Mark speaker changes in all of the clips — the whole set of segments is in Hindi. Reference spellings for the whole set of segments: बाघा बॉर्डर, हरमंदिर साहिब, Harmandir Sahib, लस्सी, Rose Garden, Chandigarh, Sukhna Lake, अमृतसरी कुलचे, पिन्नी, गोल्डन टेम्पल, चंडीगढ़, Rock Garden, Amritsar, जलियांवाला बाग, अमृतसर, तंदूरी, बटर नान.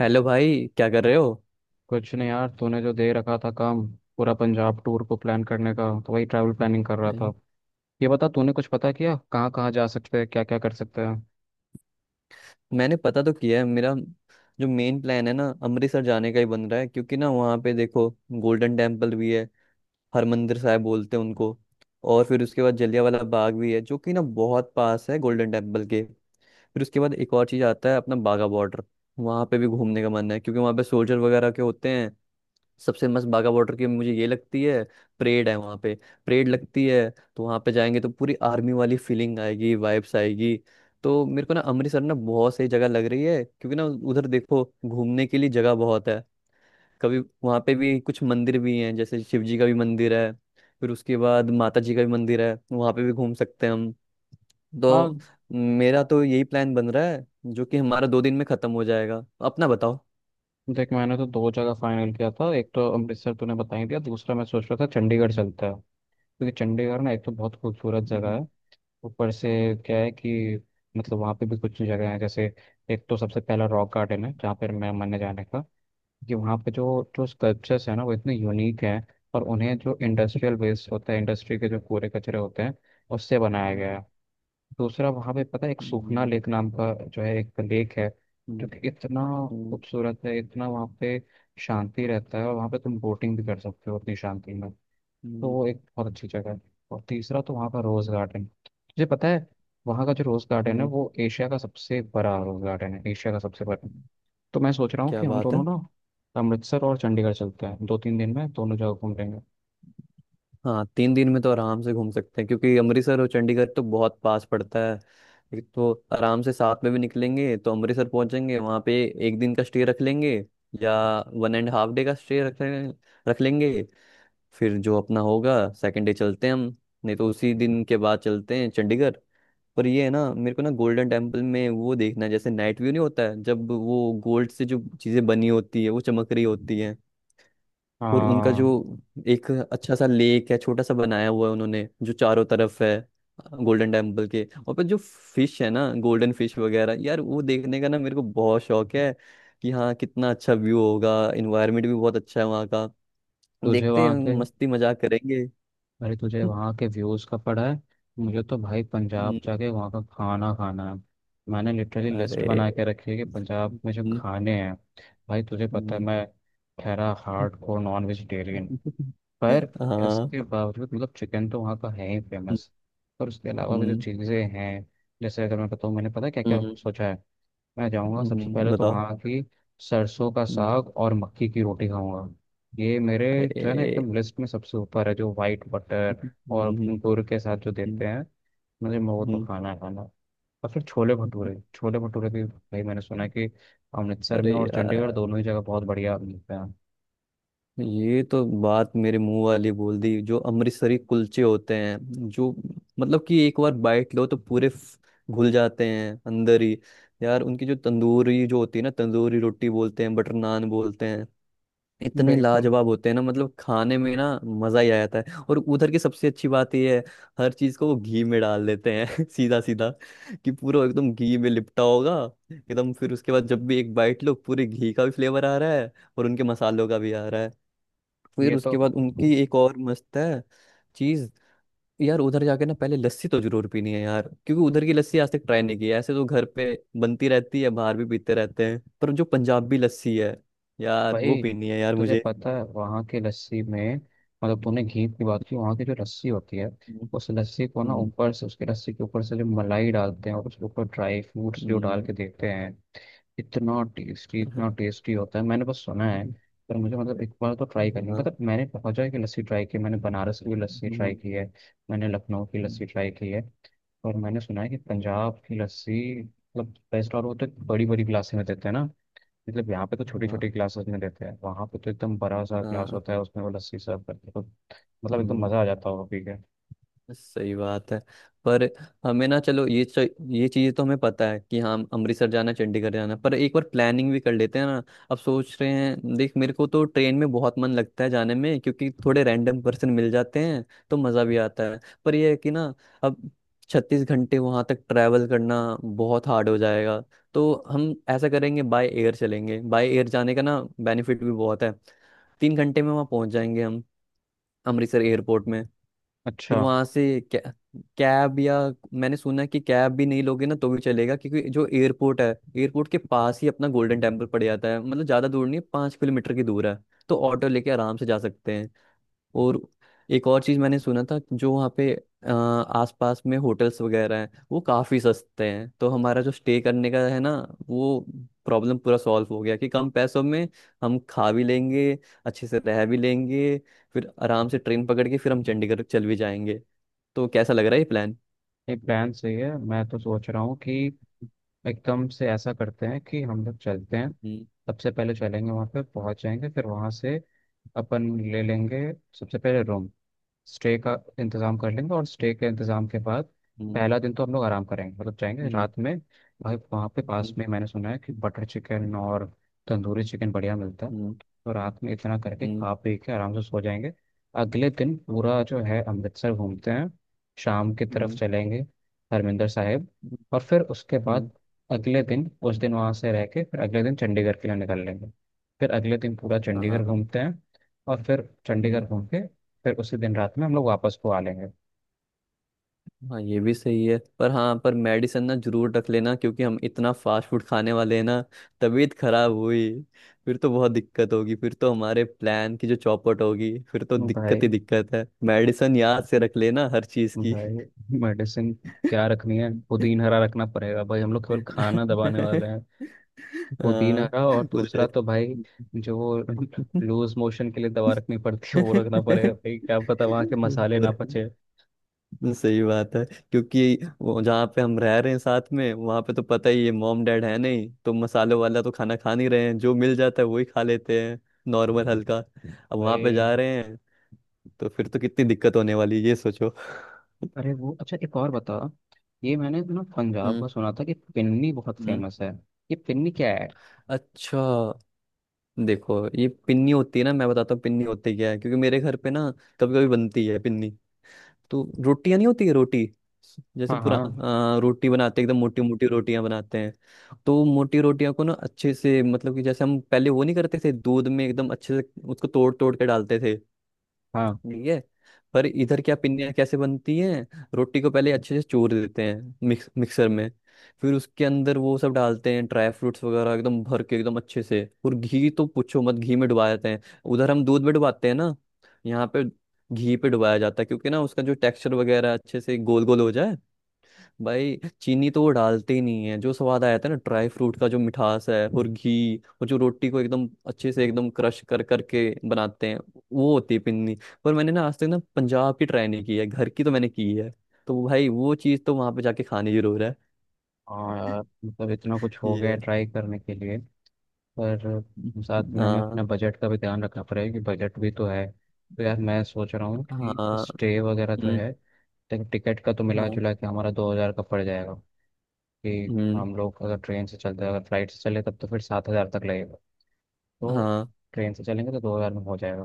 Speaker 1: हेलो भाई, क्या कर रहे हो?
Speaker 2: कुछ नहीं यार, तूने जो दे रखा था काम, पूरा पंजाब टूर को प्लान करने का, तो वही ट्रैवल प्लानिंग कर रहा
Speaker 1: नहीं।
Speaker 2: था। ये बता, तूने कुछ पता किया कहाँ कहाँ जा सकते हैं, क्या क्या कर सकते हैं?
Speaker 1: मैंने पता तो किया है। मेरा जो मेन प्लान है ना, अमृतसर जाने का ही बन रहा है, क्योंकि ना वहाँ पे देखो, गोल्डन टेम्पल भी है। हरमंदिर साहिब बोलते हैं उनको। और फिर उसके बाद जलियांवाला बाग भी है, जो कि ना बहुत पास है गोल्डन टेम्पल के। फिर उसके बाद एक और चीज़ आता है, अपना बाघा बॉर्डर। वहाँ पे भी घूमने का मन है, क्योंकि वहाँ पे सोल्जर वगैरह के होते हैं। सबसे मस्त बाघा बॉर्डर की मुझे ये लगती है, परेड है वहाँ पे, परेड लगती है। तो वहाँ पे जाएंगे तो पूरी आर्मी वाली फीलिंग आएगी, वाइब्स आएगी। तो मेरे को ना अमृतसर ना बहुत सही जगह लग रही है, क्योंकि ना उधर देखो, घूमने के लिए जगह बहुत है। कभी वहाँ पे भी कुछ मंदिर भी हैं, जैसे शिव जी का भी मंदिर है। फिर उसके बाद माता जी का भी मंदिर है, वहाँ पे भी घूम सकते हैं हम।
Speaker 2: हाँ,
Speaker 1: तो मेरा तो यही प्लान बन रहा है, जो कि हमारा 2 दिन में खत्म हो जाएगा। अपना बताओ।
Speaker 2: देख मैंने तो दो जगह फाइनल किया था। एक तो अमृतसर तूने बता ही दिया, दूसरा मैं सोच रहा था चंडीगढ़ चलता है। क्योंकि चंडीगढ़ ना एक तो बहुत खूबसूरत जगह
Speaker 1: हम्म।
Speaker 2: है। ऊपर से क्या है कि मतलब वहाँ पे भी कुछ जगह है, जैसे एक तो सबसे पहला रॉक गार्डन है, जहाँ पर मैं मन है जाने का कि
Speaker 1: हम्म।
Speaker 2: वहाँ पे जो जो स्कल्पचर्स है ना वो इतने यूनिक हैं। और उन्हें जो इंडस्ट्रियल वेस्ट होता है, इंडस्ट्री के जो कूड़े कचरे होते हैं, उससे बनाया गया
Speaker 1: हम्म।
Speaker 2: है। दूसरा वहाँ पे पता है, एक सूखना
Speaker 1: हम्म।
Speaker 2: लेक नाम का जो है, एक लेक है, जो
Speaker 1: हम्म।
Speaker 2: कि इतना
Speaker 1: हम्म।
Speaker 2: खूबसूरत है, इतना वहाँ पे शांति रहता है, और वहाँ पे तुम बोटिंग भी कर सकते हो उतनी शांति में। तो
Speaker 1: हम्म।
Speaker 2: वो एक बहुत अच्छी जगह है। और तीसरा तो वहाँ का रोज़ गार्डन, तुझे पता है वहाँ का जो रोज़ गार्डन है
Speaker 1: हम्म।
Speaker 2: वो एशिया का सबसे बड़ा रोज़ गार्डन है, एशिया का सबसे बड़ा।
Speaker 1: हम्म।
Speaker 2: तो मैं सोच रहा हूँ
Speaker 1: क्या
Speaker 2: कि हम
Speaker 1: बात
Speaker 2: दोनों
Speaker 1: है।
Speaker 2: ना अमृतसर और चंडीगढ़ चलते हैं, 2 3 दिन में दोनों जगह घूम लेंगे।
Speaker 1: हाँ, 3 दिन में तो आराम से घूम सकते हैं, क्योंकि अमृतसर और चंडीगढ़ तो बहुत पास पड़ता है। एक तो आराम से साथ में भी निकलेंगे, तो अमृतसर पहुंचेंगे। वहां पे 1 दिन का स्टे रख लेंगे, या वन एंड हाफ डे का स्टे रख लेंगे। फिर जो अपना होगा, सेकंड डे चलते हैं हम। नहीं तो उसी दिन के बाद चलते हैं चंडीगढ़। पर ये है ना, मेरे को ना गोल्डन टेम्पल में वो देखना है, जैसे नाइट व्यू नहीं होता है, जब वो गोल्ड से जो चीजें बनी होती है वो चमक रही होती है। और उनका जो
Speaker 2: हाँ।
Speaker 1: एक अच्छा सा लेक है, छोटा सा बनाया हुआ है उन्होंने, जो चारों तरफ है गोल्डन टेम्पल के। और पर जो फिश है ना, गोल्डन फिश वगैरह, यार वो देखने का ना मेरे को बहुत शौक है, कि हाँ कितना अच्छा व्यू होगा। इन्वायरमेंट भी बहुत अच्छा है वहाँ का।
Speaker 2: तुझे
Speaker 1: देखते
Speaker 2: वहाँ
Speaker 1: हैं,
Speaker 2: के,
Speaker 1: मस्ती मजाक करेंगे।
Speaker 2: अरे तुझे वहाँ के व्यूज़ का पड़ा है? मुझे तो भाई पंजाब
Speaker 1: हम्म।
Speaker 2: जाके वहाँ का खाना खाना है। मैंने लिटरली लिस्ट
Speaker 1: अरे।
Speaker 2: बना के रखी है कि पंजाब में जो
Speaker 1: हम्म।
Speaker 2: खाने हैं। भाई तुझे पता है,
Speaker 1: हम्म।
Speaker 2: मैं ठहरा हार्ड कोर नॉन वेजिटेरियन। पर
Speaker 1: हाँ।
Speaker 2: इसके बावजूद मतलब चिकन तो वहाँ का है ही
Speaker 1: हम्म।
Speaker 2: फेमस, और उसके अलावा भी जो चीज़ें हैं। जैसे अगर मैं बताऊँ, मैंने पता है क्या क्या
Speaker 1: हम्म।
Speaker 2: सोचा है। मैं जाऊंगा सबसे पहले तो
Speaker 1: बताओ।
Speaker 2: वहाँ की सरसों का
Speaker 1: हम्म।
Speaker 2: साग और मक्की की रोटी खाऊंगा। ये मेरे जो है ना,
Speaker 1: अरे।
Speaker 2: एकदम लिस्ट में सबसे ऊपर है, जो वाइट बटर
Speaker 1: हम्म।
Speaker 2: और
Speaker 1: हम्म।
Speaker 2: गुड़ के साथ जो देते हैं, मुझे वो तो
Speaker 1: हम्म।
Speaker 2: खाना है खाना है। और फिर छोले
Speaker 1: हम्म।
Speaker 2: भटूरे, छोले भटूरे भी भाई मैंने सुना है कि अमृतसर
Speaker 1: अरे
Speaker 2: में और
Speaker 1: यार,
Speaker 2: चंडीगढ़ दोनों ही जगह बहुत बढ़िया मिलते हैं।
Speaker 1: ये तो बात मेरे मुंह वाली बोल दी। जो अमृतसरी कुलचे होते हैं, जो, मतलब कि एक बार बाइट लो तो पूरे घुल जाते हैं अंदर ही। यार उनकी जो तंदूरी जो होती है ना, तंदूरी रोटी बोलते हैं, बटर नान बोलते हैं, इतने
Speaker 2: बिल्कुल।
Speaker 1: लाजवाब होते हैं ना, मतलब खाने में ना मजा ही आ जाता है। और उधर की सबसे अच्छी बात ये है, हर चीज को वो घी में डाल देते हैं। सीधा सीधा कि पूरा एकदम घी में लिपटा होगा एकदम। फिर उसके बाद जब भी एक बाइट लो, पूरे घी का भी फ्लेवर आ रहा है और उनके मसालों का भी आ रहा है। फिर
Speaker 2: ये तो,
Speaker 1: उसके बाद उनकी एक और मस्त है चीज। यार उधर जाके ना पहले लस्सी तो जरूर पीनी है यार, क्योंकि उधर की लस्सी आज तक ट्राई नहीं की है। ऐसे तो घर पे बनती रहती है, बाहर भी पीते रहते हैं, पर जो पंजाबी लस्सी है यार, वो
Speaker 2: भाई
Speaker 1: पीनी है यार
Speaker 2: तुझे
Speaker 1: मुझे।
Speaker 2: पता है वहाँ की लस्सी में, मतलब तूने घी की बात की, वहाँ की जो लस्सी होती है उस लस्सी को ना
Speaker 1: हम्म।
Speaker 2: ऊपर से, उसके लस्सी के ऊपर से जो मलाई डालते हैं और उसके ऊपर ड्राई फ्रूट्स जो डाल
Speaker 1: हम्म।
Speaker 2: के देते हैं, इतना टेस्टी होता है। मैंने बस सुना है। पर मुझे मतलब एक बार तो ट्राई करनी,
Speaker 1: हाँ।
Speaker 2: मतलब मैंने बहुत जगह की लस्सी ट्राई की है, मैंने बनारस की भी लस्सी ट्राई
Speaker 1: हम्म।
Speaker 2: की है, मैंने लखनऊ की लस्सी ट्राई की है। और मैंने सुना है कि पंजाब की लस्सी मतलब बेस्ट, और वो तो बड़ी बड़ी गिलास में देते हैं ना। मतलब यहाँ पे तो छोटी
Speaker 1: हाँ,
Speaker 2: छोटी क्लासेस में देते हैं, वहाँ पे तो एकदम बड़ा सा
Speaker 1: हाँ।
Speaker 2: क्लास
Speaker 1: हाँ।
Speaker 2: होता है, उसमें वो लस्सी सर्व करते हैं, तो मतलब एकदम
Speaker 1: हम्म।
Speaker 2: मज़ा आ जाता होगा पी के।
Speaker 1: सही बात है। पर हमें ना, चलो ये चीज़ तो हमें पता है कि हाँ, अमृतसर जाना, चंडीगढ़ जाना। पर एक बार प्लानिंग भी कर लेते हैं ना। अब सोच रहे हैं, देख मेरे को तो ट्रेन में बहुत मन लगता है जाने में, क्योंकि थोड़े रैंडम पर्सन मिल जाते हैं तो मज़ा भी आता है। पर यह है कि ना, अब 36 घंटे वहाँ तक ट्रैवल करना बहुत हार्ड हो जाएगा। तो हम ऐसा करेंगे, बाय एयर चलेंगे। बाय एयर जाने का ना बेनिफिट भी बहुत है, 3 घंटे में वहाँ पहुँच जाएंगे हम, अमृतसर एयरपोर्ट में।
Speaker 2: अच्छा।
Speaker 1: फिर वहां से कै, कैब, या मैंने सुना है कि कैब भी नहीं लोगे ना तो भी चलेगा, क्योंकि जो एयरपोर्ट है, एयरपोर्ट के पास ही अपना गोल्डन टेम्पल पड़ जाता है, मतलब ज्यादा दूर नहीं है, 5 किलोमीटर की दूर है। तो ऑटो लेके आराम से जा सकते हैं। और एक और चीज मैंने सुना था, जो वहाँ पे आसपास में होटल्स वगैरह हैं वो काफी सस्ते हैं। तो हमारा जो स्टे करने का है ना, वो प्रॉब्लम पूरा सॉल्व हो गया, कि कम पैसों में हम खा भी लेंगे, अच्छे से रह भी लेंगे। फिर आराम से ट्रेन पकड़ के फिर हम चंडीगढ़ चल भी जाएंगे। तो कैसा लग रहा है ये प्लान?
Speaker 2: ये प्लान सही है, मैं तो सोच रहा हूँ कि एकदम से ऐसा करते हैं कि हम लोग चलते हैं,
Speaker 1: हम्म।
Speaker 2: सबसे पहले चलेंगे वहाँ पे पहुँच जाएंगे, फिर वहाँ से अपन ले लेंगे सबसे पहले रूम, स्टे का इंतज़ाम कर लेंगे, और स्टे के इंतज़ाम के बाद
Speaker 1: हम्म।
Speaker 2: पहला दिन तो हम लोग आराम करेंगे, मतलब जाएंगे
Speaker 1: हम्म।
Speaker 2: रात में। भाई वहाँ पे पास
Speaker 1: हम्म।
Speaker 2: में मैंने सुना है कि बटर चिकन और तंदूरी चिकन बढ़िया मिलता है,
Speaker 1: हम्म।
Speaker 2: तो रात में इतना करके
Speaker 1: हम्म।
Speaker 2: खा पी के आराम से सो जाएंगे। अगले दिन पूरा जो है अमृतसर घूमते हैं। शाम की तरफ
Speaker 1: हम्म।
Speaker 2: चलेंगे हरमिंदर साहिब, और फिर उसके बाद
Speaker 1: हम्म।
Speaker 2: अगले दिन, उस दिन वहाँ से रह के फिर अगले दिन चंडीगढ़ के लिए निकल लेंगे। फिर अगले दिन पूरा
Speaker 1: हाँ।
Speaker 2: चंडीगढ़ घूमते हैं, और फिर
Speaker 1: हम्म।
Speaker 2: चंडीगढ़ घूम के फिर उसी दिन रात में हम लोग वापस को आ लेंगे।
Speaker 1: हाँ, ये भी सही है। पर हाँ, पर मेडिसिन ना जरूर रख लेना, क्योंकि हम इतना फास्ट फूड खाने वाले हैं ना, तबीयत खराब हुई फिर तो बहुत दिक्कत होगी, फिर तो हमारे प्लान की जो चौपट होगी, फिर तो
Speaker 2: भाई,
Speaker 1: दिक्कत ही दिक्कत है। मेडिसिन याद से रख लेना हर चीज की।
Speaker 2: भाई मेडिसिन क्या रखनी है? पुदीन हरा रखना पड़ेगा भाई, हम लोग केवल खाना दबाने वाले हैं। पुदीन
Speaker 1: हाँ।
Speaker 2: हरा, और दूसरा
Speaker 1: बुध
Speaker 2: तो भाई जो वो लूज मोशन के लिए दवा रखनी पड़ती है वो रखना पड़ेगा, भाई क्या पता वहाँ के मसाले ना
Speaker 1: पूरा-
Speaker 2: पचे।
Speaker 1: तो सही बात है। क्योंकि वो जहाँ पे हम रह रहे हैं साथ में वहां पे, तो पता ही है मॉम डैड है नहीं, तो मसालों वाला तो खाना खा नहीं रहे हैं। जो मिल जाता है वही खा लेते हैं, नॉर्मल हल्का। अब वहां पे
Speaker 2: भाई,
Speaker 1: जा रहे हैं तो फिर तो कितनी दिक्कत होने वाली है, ये सोचो।
Speaker 2: अरे वो अच्छा एक और बता, ये मैंने ना पंजाब
Speaker 1: हम्म।
Speaker 2: में सुना था कि पिन्नी बहुत
Speaker 1: हम्म।
Speaker 2: फेमस है। ये पिन्नी क्या है?
Speaker 1: अच्छा, देखो ये पिन्नी होती है ना, मैं बताता हूँ पिन्नी होती क्या है। क्योंकि मेरे घर पे ना कभी कभी बनती है पिन्नी। तो रोटियां नहीं होती है, रोटी जैसे
Speaker 2: हाँ,
Speaker 1: पूरा
Speaker 2: हाँ,
Speaker 1: रोटी बनाते हैं, एकदम मोटी मोटी रोटियां बनाते हैं। तो मोटी रोटियां को ना अच्छे से, मतलब कि जैसे हम पहले वो नहीं करते थे, दूध में एकदम अच्छे से उसको तोड़ तोड़ के डालते थे,
Speaker 2: हाँ।
Speaker 1: ठीक है? पर इधर क्या, पिन्नियाँ कैसे बनती हैं, रोटी को पहले अच्छे से चूर देते हैं मिक्स मिक्सर में। फिर उसके अंदर वो सब डालते हैं, ड्राई फ्रूट्स वगैरह एकदम भर के एकदम अच्छे से। और घी तो पूछो मत, घी में डुबा देते हैं। उधर हम दूध में डुबाते हैं ना यहाँ पे, घी पे डुबाया जाता है, क्योंकि ना उसका जो टेक्सचर वगैरह अच्छे से गोल गोल हो जाए भाई। चीनी तो वो डालते ही नहीं है, जो स्वाद आया था ना ड्राई फ्रूट का जो मिठास है, और घी, और जो रोटी को एकदम अच्छे से एकदम क्रश कर करके बनाते हैं, वो होती है पिन्नी। पर मैंने ना आज तक ना पंजाब की ट्राई नहीं की है, घर की तो मैंने की है। तो भाई वो चीज़ तो वहां पे जाके खानी जरूर है।
Speaker 2: और यार, मतलब इतना कुछ हो
Speaker 1: ये
Speaker 2: गया
Speaker 1: है।
Speaker 2: ट्राई करने के लिए। पर साथ में हमें
Speaker 1: हाँ।
Speaker 2: अपने बजट का भी ध्यान रखना पड़ेगा, कि बजट भी तो है, तो यार मैं सोच रहा हूँ कि
Speaker 1: हाँ।
Speaker 2: स्टे वगैरह तो
Speaker 1: हम्म।
Speaker 2: है, लेकिन टिकट का तो मिला
Speaker 1: हाँ।
Speaker 2: जुला के हमारा 2,000 का पड़ जाएगा। कि
Speaker 1: हम्म।
Speaker 2: हम लोग अगर ट्रेन से चलते हैं, अगर फ्लाइट से चले तब तो फिर 7,000 तक लगेगा, तो
Speaker 1: हाँ।
Speaker 2: ट्रेन से चलेंगे तो 2,000 में हो जाएगा,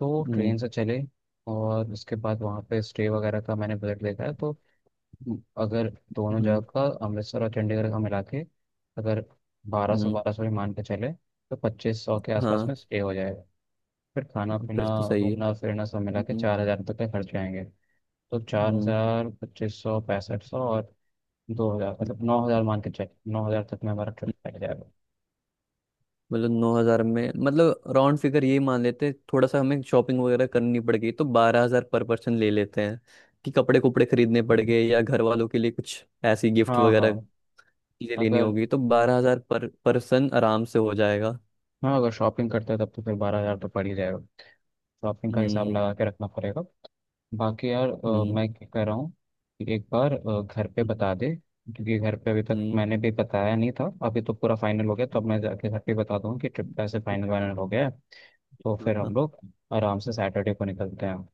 Speaker 2: तो
Speaker 1: हम्म।
Speaker 2: ट्रेन से चले। और उसके बाद वहाँ पे स्टे वगैरह का मैंने बजट देखा है, तो अगर दोनों जगह
Speaker 1: हम्म।
Speaker 2: का अमृतसर और चंडीगढ़ का मिला के अगर बारह सौ
Speaker 1: हम्म।
Speaker 2: बारह सौ भी मान के चले, तो 2,500 के आसपास
Speaker 1: हाँ,
Speaker 2: में स्टे हो जाएगा। फिर खाना पीना
Speaker 1: फिर तो सही है।
Speaker 2: घूमना फिरना सब मिला के
Speaker 1: हम्म।
Speaker 2: 4,000 तक के खर्च आएंगे। तो चार
Speaker 1: हम्म।
Speaker 2: हज़ार 2,500 6,500 और 2,000,
Speaker 1: हम्म।
Speaker 2: मतलब 9,000 मान के चले, 9,000 तक में हमारा ट्रिप पड़ जाएगा।
Speaker 1: मतलब 9,000 में, मतलब राउंड फिगर ये मान लेते हैं। थोड़ा सा हमें शॉपिंग वगैरह करनी पड़ गई तो 12,000 पर पर्सन ले लेते हैं, कि कपड़े कुपड़े खरीदने पड़ गए, या घर वालों के लिए कुछ ऐसी गिफ्ट
Speaker 2: हाँ, हाँ।
Speaker 1: वगैरह चीजें लेनी
Speaker 2: अगर,
Speaker 1: होगी, तो 12,000 पर पर्सन आराम से हो जाएगा।
Speaker 2: हाँ, अगर शॉपिंग करते हैं तब तो फिर 12,000 तो पड़ ही जाएगा। शॉपिंग का हिसाब
Speaker 1: हम्म।
Speaker 2: लगा के रखना पड़ेगा। बाकी यार,
Speaker 1: हम्म।
Speaker 2: मैं क्या कह रहा हूँ कि एक बार घर पे
Speaker 1: हम्म।
Speaker 2: बता दे, क्योंकि घर पे अभी तक
Speaker 1: हम्म।
Speaker 2: मैंने भी बताया नहीं था, अभी तो पूरा फाइनल हो गया, तो अब
Speaker 1: हम्म।
Speaker 2: मैं जाके घर पे बता दूँ कि ट्रिप का ऐसे फाइनल वाइनल हो गया है। तो
Speaker 1: हाँ।
Speaker 2: फिर हम
Speaker 1: हाँ।
Speaker 2: लोग आराम से सैटरडे को निकलते हैं।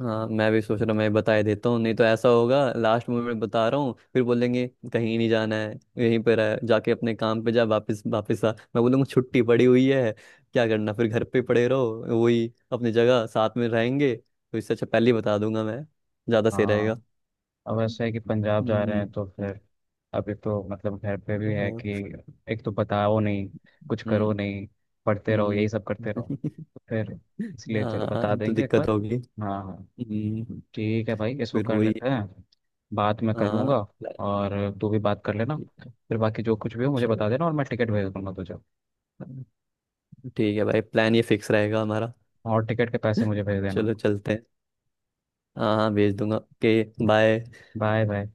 Speaker 1: हाँ, मैं भी सोच रहा हूँ, मैं बता ही देता हूँ। नहीं तो ऐसा होगा, लास्ट मोमेंट बता रहा हूँ फिर बोलेंगे कहीं नहीं जाना है, यहीं पर है, जाके अपने काम पे जा, वापस वापस आ। मैं बोलूँगा छुट्टी पड़ी हुई है, क्या करना फिर घर पे पड़े रहो, वही अपनी जगह साथ में रहेंगे। तो इससे अच्छा पहले ही बता दूंगा मैं, ज़्यादा सही
Speaker 2: हाँ।
Speaker 1: रहेगा।
Speaker 2: अब ऐसा है कि पंजाब जा रहे
Speaker 1: हम्म।
Speaker 2: हैं तो फिर अभी तो मतलब घर पे भी है कि
Speaker 1: हाँ।
Speaker 2: एक तो बताओ नहीं, कुछ करो
Speaker 1: हम्म।
Speaker 2: नहीं, पढ़ते रहो
Speaker 1: हम्म।
Speaker 2: यही सब करते रहो। तो फिर इसलिए चलो बता
Speaker 1: हाँ, तो
Speaker 2: देंगे एक
Speaker 1: दिक्कत
Speaker 2: बार।
Speaker 1: होगी।
Speaker 2: हाँ, हाँ,
Speaker 1: हम्म।
Speaker 2: ठीक है भाई, इसको
Speaker 1: फिर
Speaker 2: कर
Speaker 1: वही।
Speaker 2: लेते हैं। बात मैं कर
Speaker 1: हाँ।
Speaker 2: लूँगा, और तू भी बात कर लेना।
Speaker 1: ठीक है।
Speaker 2: फिर बाकी जो कुछ भी हो मुझे बता देना, और मैं टिकट भेज दूंगा तुझे।
Speaker 1: चलो। ठीक है भाई, प्लान ये फिक्स रहेगा हमारा।
Speaker 2: और टिकट के पैसे मुझे भेज देना।
Speaker 1: चलो चलते हैं। हाँ हाँ, भेज दूंगा। Okay bye.
Speaker 2: Bye bye.